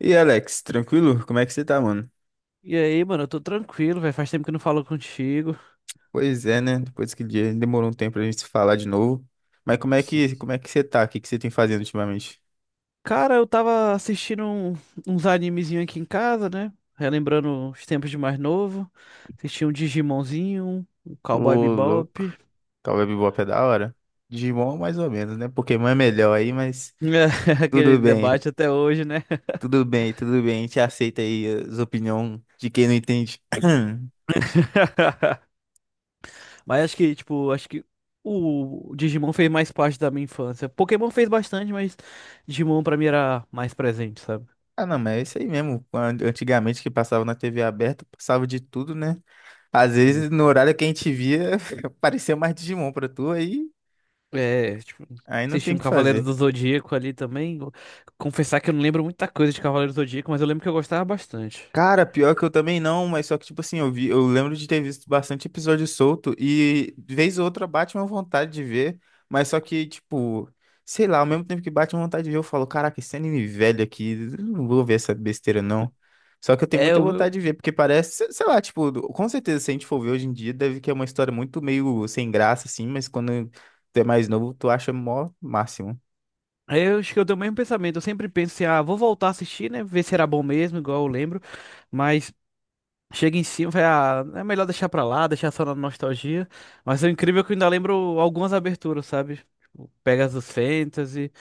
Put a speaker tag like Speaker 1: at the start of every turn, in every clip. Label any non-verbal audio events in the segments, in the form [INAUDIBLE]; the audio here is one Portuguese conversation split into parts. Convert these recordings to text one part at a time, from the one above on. Speaker 1: E aí, Alex, tranquilo? Como é que você tá, mano?
Speaker 2: E aí, mano, eu tô tranquilo, velho. Faz tempo que eu não falo contigo.
Speaker 1: Pois é, né? Depois que dia demorou um tempo pra gente se falar de novo. Mas como é
Speaker 2: Sim.
Speaker 1: que, como é que você tá? O que que você tem fazendo ultimamente?
Speaker 2: Cara, eu tava assistindo uns animezinhos aqui em casa, né? Relembrando os tempos de mais novo. Assisti um Digimonzinho, um
Speaker 1: Ô,
Speaker 2: Cowboy
Speaker 1: louco.
Speaker 2: Bebop.
Speaker 1: Cowboy Bebop é da hora. Digimon mais ou menos, né? Pokémon é melhor aí, mas
Speaker 2: [LAUGHS] Aquele
Speaker 1: tudo bem.
Speaker 2: debate até hoje, né?
Speaker 1: Tudo bem. A gente aceita aí as opiniões de quem não entende. [CLEARS THROAT]
Speaker 2: [LAUGHS] Mas acho que o Digimon fez mais parte da minha infância. Pokémon fez bastante, mas Digimon pra mim era mais presente, sabe?
Speaker 1: Ah, não, mas é isso aí mesmo. Antigamente que passava na TV aberta, passava de tudo, né? Às vezes no horário que a gente via, [LAUGHS] aparecia mais Digimon pra tu aí.
Speaker 2: É, tipo,
Speaker 1: Aí não
Speaker 2: assisti
Speaker 1: tem o
Speaker 2: um
Speaker 1: que
Speaker 2: Cavaleiro
Speaker 1: fazer.
Speaker 2: do Zodíaco ali também. Vou confessar que eu não lembro muita coisa de Cavaleiro do Zodíaco, mas eu lembro que eu gostava bastante.
Speaker 1: Cara, pior que eu também não, mas só que, tipo assim, eu vi, eu lembro de ter visto bastante episódio solto e vez ou outra bate uma vontade de ver, mas só que, tipo, sei lá, ao mesmo tempo que bate uma vontade de ver, eu falo, caraca, esse anime velho aqui, eu não vou ver essa besteira não. Só que eu tenho
Speaker 2: É,
Speaker 1: muita
Speaker 2: o
Speaker 1: vontade
Speaker 2: meu.
Speaker 1: de ver, porque parece, sei lá, tipo, com certeza se a gente for ver hoje em dia, deve que é uma história muito meio sem graça, assim, mas quando tu é mais novo, tu acha mó máximo.
Speaker 2: Eu acho que eu tenho o mesmo pensamento. Eu sempre penso assim, ah, vou voltar a assistir, né? Ver se era bom mesmo, igual eu lembro. Mas chega em cima, vai, ah, é melhor deixar pra lá, deixar só na nostalgia. Mas é incrível é que eu ainda lembro algumas aberturas, sabe? Tipo, Pegasus Fantasy,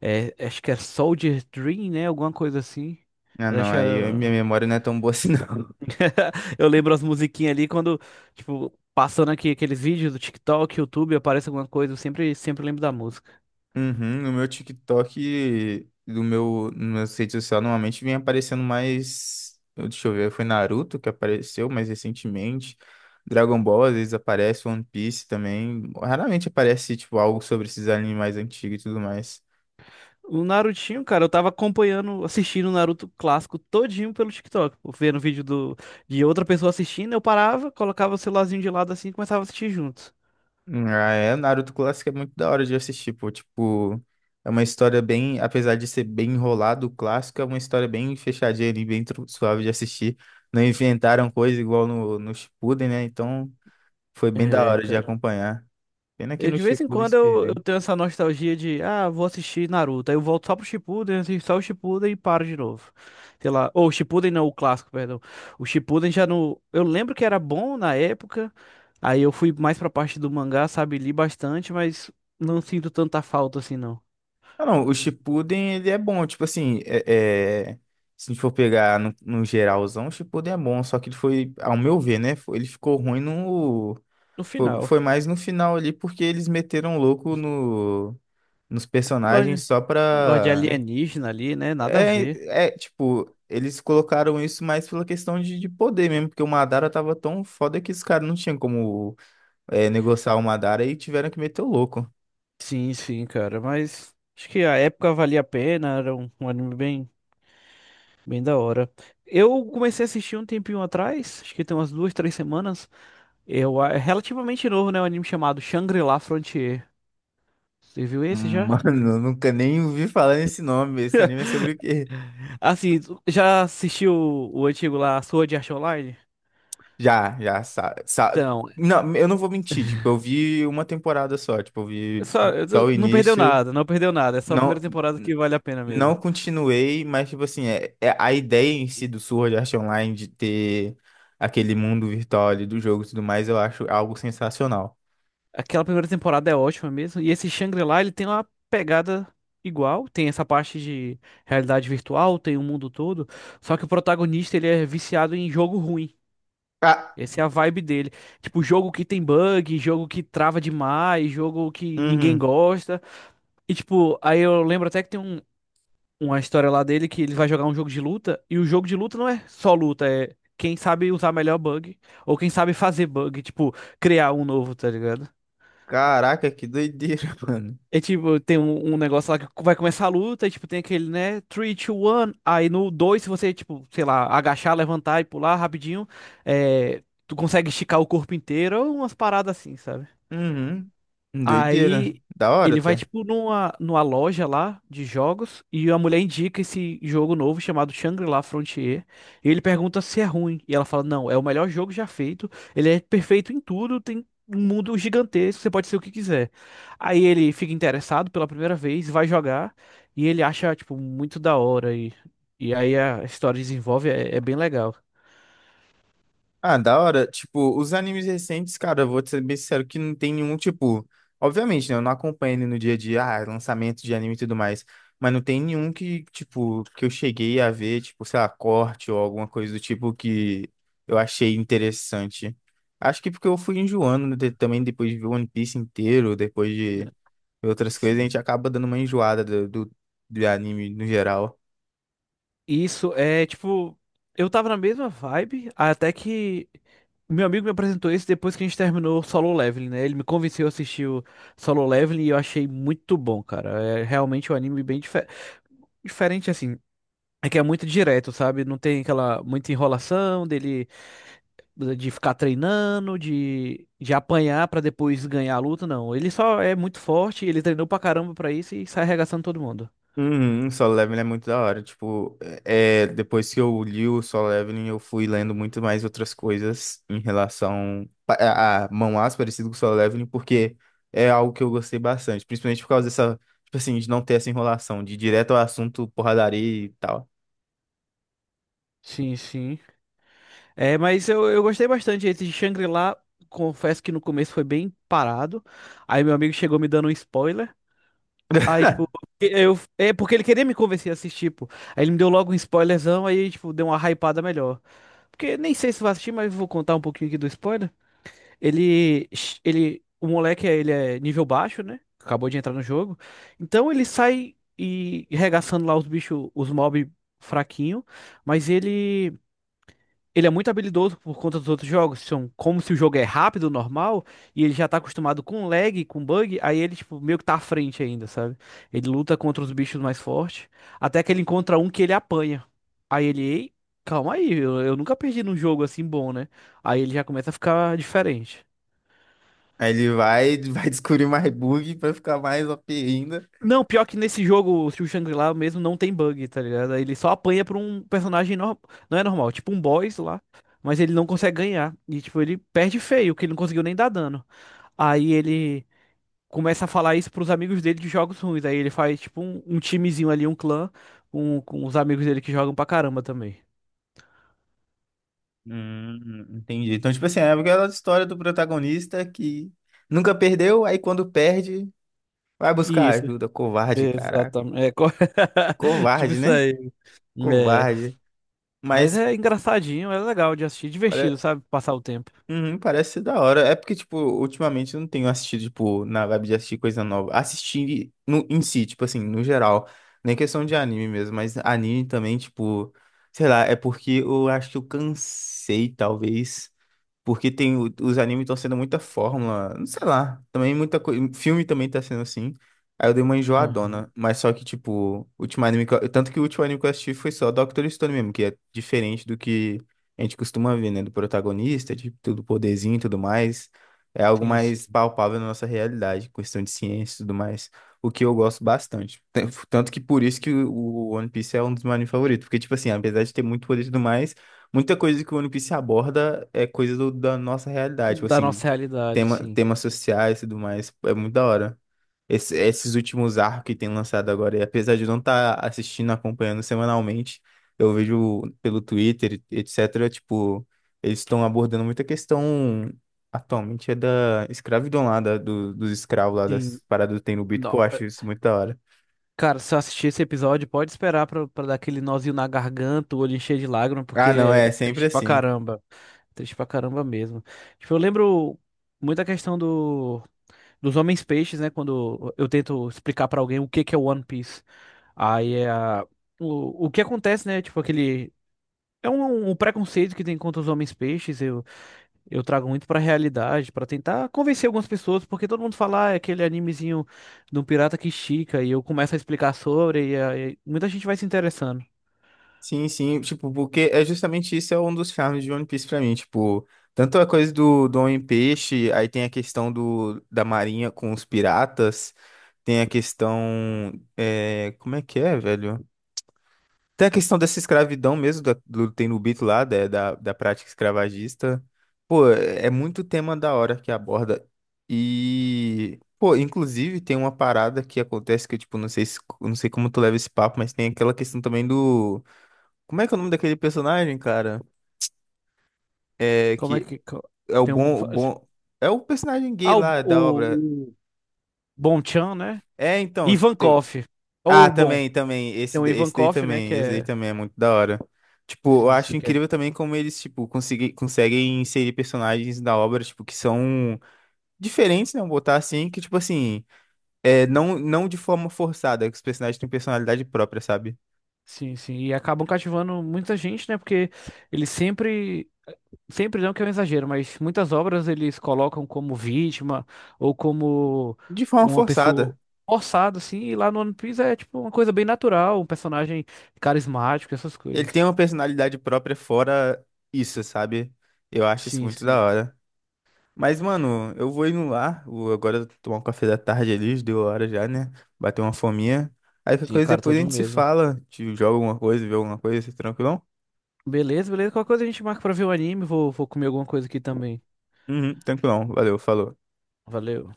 Speaker 2: é, acho que é Soldier Dream, né? Alguma coisa assim.
Speaker 1: Ah,
Speaker 2: Eu
Speaker 1: não,
Speaker 2: acho que
Speaker 1: minha
Speaker 2: era.
Speaker 1: memória não é tão boa assim, [LAUGHS] não.
Speaker 2: [LAUGHS] Eu lembro as musiquinhas ali quando, tipo, passando aqui aqueles vídeos do TikTok, YouTube, aparece alguma coisa, eu sempre, sempre lembro da música.
Speaker 1: Uhum, no meu TikTok, nas meu rede social, normalmente vem aparecendo mais. Deixa eu ver, foi Naruto que apareceu mais recentemente. Dragon Ball, às vezes aparece, One Piece também. Raramente aparece, tipo, algo sobre esses animes mais antigos e tudo mais.
Speaker 2: O Narutinho, cara, eu tava acompanhando, assistindo o Naruto clássico todinho pelo TikTok, pô, vendo vídeo do, de outra pessoa assistindo, eu parava, colocava o celularzinho de lado assim e começava a assistir junto.
Speaker 1: Ah, é, Naruto clássico é muito da hora de assistir, pô. Tipo, é uma história bem. Apesar de ser bem enrolado, o clássico é uma história bem fechadinha ali, suave de assistir. Não inventaram coisa igual no Shippuden, né? Então. Foi bem da
Speaker 2: É,
Speaker 1: hora de
Speaker 2: cara.
Speaker 1: acompanhar. Pena que
Speaker 2: Eu,
Speaker 1: no
Speaker 2: de vez em
Speaker 1: Shippuden
Speaker 2: quando
Speaker 1: se
Speaker 2: eu
Speaker 1: perdeu.
Speaker 2: tenho essa nostalgia de, ah, vou assistir Naruto. Aí eu volto só pro Shippuden, assisto só o Shippuden e paro de novo. Sei lá. Ou o Shippuden não, o clássico, perdão. O Shippuden já no Eu lembro que era bom na época. Aí eu fui mais pra parte do mangá, sabe? Li bastante, mas não sinto tanta falta assim, não.
Speaker 1: Ah, não, o Shippuden ele é bom, tipo assim, se a gente for pegar no geralzão, o Shippuden é bom, só que ele foi, ao meu ver, né, ele ficou ruim no...
Speaker 2: No
Speaker 1: Foi,
Speaker 2: final.
Speaker 1: foi mais no final ali, porque eles meteram louco no, nos
Speaker 2: Gosto
Speaker 1: personagens
Speaker 2: de,
Speaker 1: só
Speaker 2: gosto de
Speaker 1: pra...
Speaker 2: alienígena ali, né? Nada a
Speaker 1: É,
Speaker 2: ver.
Speaker 1: é, tipo, eles colocaram isso mais pela questão de poder mesmo, porque o Madara tava tão foda que os caras não tinham como negociar o Madara e tiveram que meter o louco.
Speaker 2: Sim, sim, cara. Mas acho que a época valia a pena. Era um anime bem. Bem da hora. Eu comecei a assistir um tempinho atrás, acho que tem umas duas, três semanas. É relativamente novo, né? Um anime chamado Shangri-La Frontier. Você viu esse já?
Speaker 1: Mano, eu nunca nem ouvi falar nesse nome. Esse anime é sobre o quê?
Speaker 2: Assim, tu já assistiu o antigo lá, Sword Art Online?
Speaker 1: Já, já, sa, sa-
Speaker 2: Então,
Speaker 1: Não, eu não vou mentir. Tipo, eu vi uma temporada só. Tipo, eu vi até o
Speaker 2: não perdeu
Speaker 1: início.
Speaker 2: nada, não perdeu nada. É só a primeira
Speaker 1: Não,
Speaker 2: temporada que vale a pena
Speaker 1: não
Speaker 2: mesmo.
Speaker 1: continuei, mas, tipo assim, é a ideia em si do Sword Art Online de ter aquele mundo virtual ali do jogo e tudo mais, eu acho algo sensacional.
Speaker 2: Aquela primeira temporada é ótima mesmo. E esse Shangri-La, ele tem uma pegada igual. Tem essa parte de realidade virtual, tem o mundo todo. Só que o protagonista, ele é viciado em jogo ruim.
Speaker 1: Ah,
Speaker 2: Essa é a vibe dele. Tipo, jogo que tem bug, jogo que trava demais, jogo que ninguém
Speaker 1: uhum.
Speaker 2: gosta. E, tipo, aí eu lembro até que tem uma história lá dele que ele vai jogar um jogo de luta. E o jogo de luta não é só luta, é quem sabe usar melhor bug. Ou quem sabe fazer bug, tipo, criar um novo, tá ligado?
Speaker 1: Caraca, que doideira, [LAUGHS] mano.
Speaker 2: É tipo, tem um negócio lá que vai começar a luta, e, tipo, tem aquele, né? 3, 2, 1. Aí no 2 se você, tipo, sei lá, agachar, levantar e pular rapidinho, é, tu consegue esticar o corpo inteiro, ou umas paradas assim, sabe?
Speaker 1: Uhum. Doideira.
Speaker 2: Aí
Speaker 1: Da hora
Speaker 2: ele vai,
Speaker 1: até.
Speaker 2: tipo, numa loja lá de jogos e a mulher indica esse jogo novo chamado Shangri-La Frontier. E ele pergunta se é ruim. E ela fala: Não, é o melhor jogo já feito. Ele é perfeito em tudo, tem um mundo gigantesco, você pode ser o que quiser. Aí ele fica interessado pela primeira vez, vai jogar e ele acha, tipo, muito da hora. E aí a história desenvolve, é bem legal.
Speaker 1: Ah, da hora. Tipo, os animes recentes, cara, eu vou te ser bem sincero que não tem nenhum, tipo. Obviamente, né? Eu não acompanho ele no dia a dia, lançamento de anime e tudo mais. Mas não tem nenhum que, tipo, que eu cheguei a ver, tipo, sei lá, corte ou alguma coisa do tipo que eu achei interessante. Acho que porque eu fui enjoando né, também depois de ver One Piece inteiro, depois de
Speaker 2: É.
Speaker 1: ver outras coisas, a
Speaker 2: Sim.
Speaker 1: gente acaba dando uma enjoada do anime no geral.
Speaker 2: Isso é tipo, eu tava na mesma vibe, até que meu amigo me apresentou esse depois que a gente terminou o Solo Leveling, né? Ele me convenceu a assistir o Solo Leveling e eu achei muito bom, cara. É realmente um anime bem diferente assim. É que é muito direto, sabe? Não tem aquela muita enrolação dele de ficar treinando, de apanhar pra depois ganhar a luta, não. Ele só é muito forte, ele treinou pra caramba pra isso e sai arregaçando todo mundo.
Speaker 1: Uhum, Solo Leveling é muito da hora. Tipo, depois que eu li o Solo Leveling, eu fui lendo muito mais outras coisas em relação a Mão-As parecido com o Solo Leveling, porque é algo que eu gostei bastante, principalmente por causa dessa, tipo assim, de não ter essa enrolação, de ir direto ao assunto, porradaria e tal.
Speaker 2: Sim, sim. É, mas eu gostei bastante. Esse de Shangri-La, confesso que no começo foi bem parado. Aí meu amigo chegou me dando um spoiler. Aí, tipo, é porque ele queria me convencer a assistir, pô. Aí ele me deu logo um spoilerzão, aí, tipo, deu uma hypada melhor. Porque nem sei se vai assistir, mas vou contar um pouquinho aqui do spoiler. Ele, ele, o moleque, ele é nível baixo, né? Acabou de entrar no jogo. Então ele sai e regaçando lá os bichos, os mob fraquinho, mas ele é muito habilidoso por conta dos outros jogos. São como se o jogo é rápido, normal, e ele já tá acostumado com lag, com bug, aí ele, tipo, meio que tá à frente ainda, sabe? Ele luta contra os bichos mais fortes, até que ele encontra um que ele apanha. Aí ele, ei, calma aí, eu nunca perdi num jogo assim bom, né? Aí ele já começa a ficar diferente.
Speaker 1: Aí ele vai, [LAUGHS] vai descobrir mais bug pra ficar mais OP ainda.
Speaker 2: Não, pior que nesse jogo, o Shangri-La mesmo não tem bug, tá ligado? Ele só apanha pra um personagem normal. Não é normal, tipo um boss lá. Mas ele não consegue ganhar. E, tipo, ele perde feio, que ele não conseguiu nem dar dano. Aí ele começa a falar isso pros amigos dele de jogos ruins. Aí ele faz, tipo, um timezinho ali, um clã, com os amigos dele que jogam pra caramba também.
Speaker 1: Entendi. Então, tipo assim, é aquela história do protagonista que nunca perdeu, aí quando perde, vai buscar
Speaker 2: Isso,
Speaker 1: ajuda, covarde, caraca.
Speaker 2: exatamente. É, [LAUGHS] tipo
Speaker 1: Covarde,
Speaker 2: isso
Speaker 1: né?
Speaker 2: aí. É.
Speaker 1: Covarde.
Speaker 2: Mas
Speaker 1: Mas
Speaker 2: é engraçadinho, é legal de assistir, divertido,
Speaker 1: pare-
Speaker 2: sabe? Passar o tempo.
Speaker 1: uhum, parece ser da hora. É porque, tipo, ultimamente eu não tenho assistido, tipo, na vibe de assistir coisa nova. Assistir no, em si, tipo assim, no geral. Nem questão de anime mesmo, mas anime também, tipo, sei lá, é porque eu acho que eu cansei, talvez. Porque tem, os animes estão sendo muita fórmula, não sei lá, também muita coisa, filme também tá sendo assim. Aí eu dei uma
Speaker 2: Aham.
Speaker 1: enjoadona, mas só que, tipo, o último anime que eu, tanto que o último anime que eu assisti foi só Doctor Stone mesmo, que é diferente do que a gente costuma ver, né? Do protagonista, de tudo poderzinho e tudo mais. É algo
Speaker 2: Sim,
Speaker 1: mais
Speaker 2: sim.
Speaker 1: palpável na nossa realidade, questão de ciência e tudo mais. O que eu gosto bastante. Tanto que por isso que o One Piece é um dos meus animes favoritos. Porque, tipo assim, apesar de ter muito poder e tudo mais. Muita coisa que o One Piece aborda é coisa da nossa realidade, tipo
Speaker 2: Da
Speaker 1: assim,
Speaker 2: nossa realidade, sim.
Speaker 1: temas sociais e tudo mais, é muito da hora. Esses últimos arcos que tem lançado agora, e apesar de eu não estar assistindo, acompanhando semanalmente, eu vejo pelo Twitter, etc., tipo, eles estão abordando muita questão atualmente da escravidão lá, dos escravos lá,
Speaker 2: Sim.
Speaker 1: das paradas do Tenryubito, pô,
Speaker 2: Não.
Speaker 1: eu acho isso muito da hora.
Speaker 2: Cara, se eu assistir esse episódio, pode esperar pra dar aquele nozinho na garganta, o olho encher de lágrima, porque
Speaker 1: Ah, não, é
Speaker 2: é
Speaker 1: sempre
Speaker 2: triste pra
Speaker 1: assim.
Speaker 2: caramba. Triste pra caramba mesmo. Tipo, eu lembro muito a questão do, dos homens peixes, né? Quando eu tento explicar pra alguém o que que é One Piece. Aí é a- o que acontece, né? Tipo, aquele. É um preconceito que tem contra os homens peixes. Eu trago muito pra realidade, pra tentar convencer algumas pessoas, porque todo mundo fala, ah, é aquele animezinho do pirata que estica, e eu começo a explicar sobre, e aí muita gente vai se interessando.
Speaker 1: Sim, sim, tipo, porque é justamente isso é um dos charmes de One Piece pra mim, tipo, tanto a coisa do Homem-Peixe, aí tem a questão da marinha com os piratas, tem a questão, é, como é que é, velho? Tem a questão dessa escravidão mesmo, do Tenryubito lá, da prática escravagista, pô, é muito tema da hora que aborda, e, pô, inclusive tem uma parada que acontece que eu, tipo, não sei, não sei como tu leva esse papo, mas tem aquela questão também do como é que é o nome daquele personagem, cara? É
Speaker 2: Como é
Speaker 1: que
Speaker 2: que. Co-
Speaker 1: é o
Speaker 2: Tem um.
Speaker 1: bom, o bom. É o personagem gay
Speaker 2: Ah, o,
Speaker 1: lá da obra.
Speaker 2: o, o Bonchan, né?
Speaker 1: É, então, tipo, tem...
Speaker 2: Ivankov. Ou
Speaker 1: Ah,
Speaker 2: o Bon.
Speaker 1: também, também.
Speaker 2: Tem
Speaker 1: Esse,
Speaker 2: o
Speaker 1: esse daí
Speaker 2: Ivankov, né? Que
Speaker 1: também. Esse daí
Speaker 2: é.
Speaker 1: também é muito da hora. Tipo, eu
Speaker 2: Sim,
Speaker 1: acho
Speaker 2: sim, que é.
Speaker 1: incrível também como eles, tipo, conseguem inserir personagens da obra, tipo, que são diferentes, né? Vamos botar assim, que, tipo assim, é, não de forma forçada, que os personagens têm personalidade própria, sabe?
Speaker 2: Sim, sim. E acabam cativando muita gente, né? Porque ele sempre. Sempre não que é um exagero, mas muitas obras eles colocam como vítima ou como
Speaker 1: De forma
Speaker 2: uma pessoa
Speaker 1: forçada.
Speaker 2: forçada, assim, e lá no One Piece é tipo uma coisa bem natural, um personagem carismático, essas
Speaker 1: Ele tem
Speaker 2: coisas.
Speaker 1: uma personalidade própria fora isso, sabe? Eu acho isso
Speaker 2: Sim,
Speaker 1: muito
Speaker 2: sim.
Speaker 1: da hora. Mas, mano, eu vou indo lá. Vou agora tomar um café da tarde ali, já deu hora já, né? Bater uma fominha. Aí qualquer
Speaker 2: Sim,
Speaker 1: coisa
Speaker 2: cara,
Speaker 1: depois a
Speaker 2: todo
Speaker 1: gente se
Speaker 2: mesmo.
Speaker 1: fala. Te joga alguma coisa, vê alguma coisa, tranquilão?
Speaker 2: Beleza, beleza. Qualquer coisa a gente marca pra ver o anime, vou comer alguma coisa aqui também.
Speaker 1: Uhum, tranquilão. Valeu, falou.
Speaker 2: Valeu.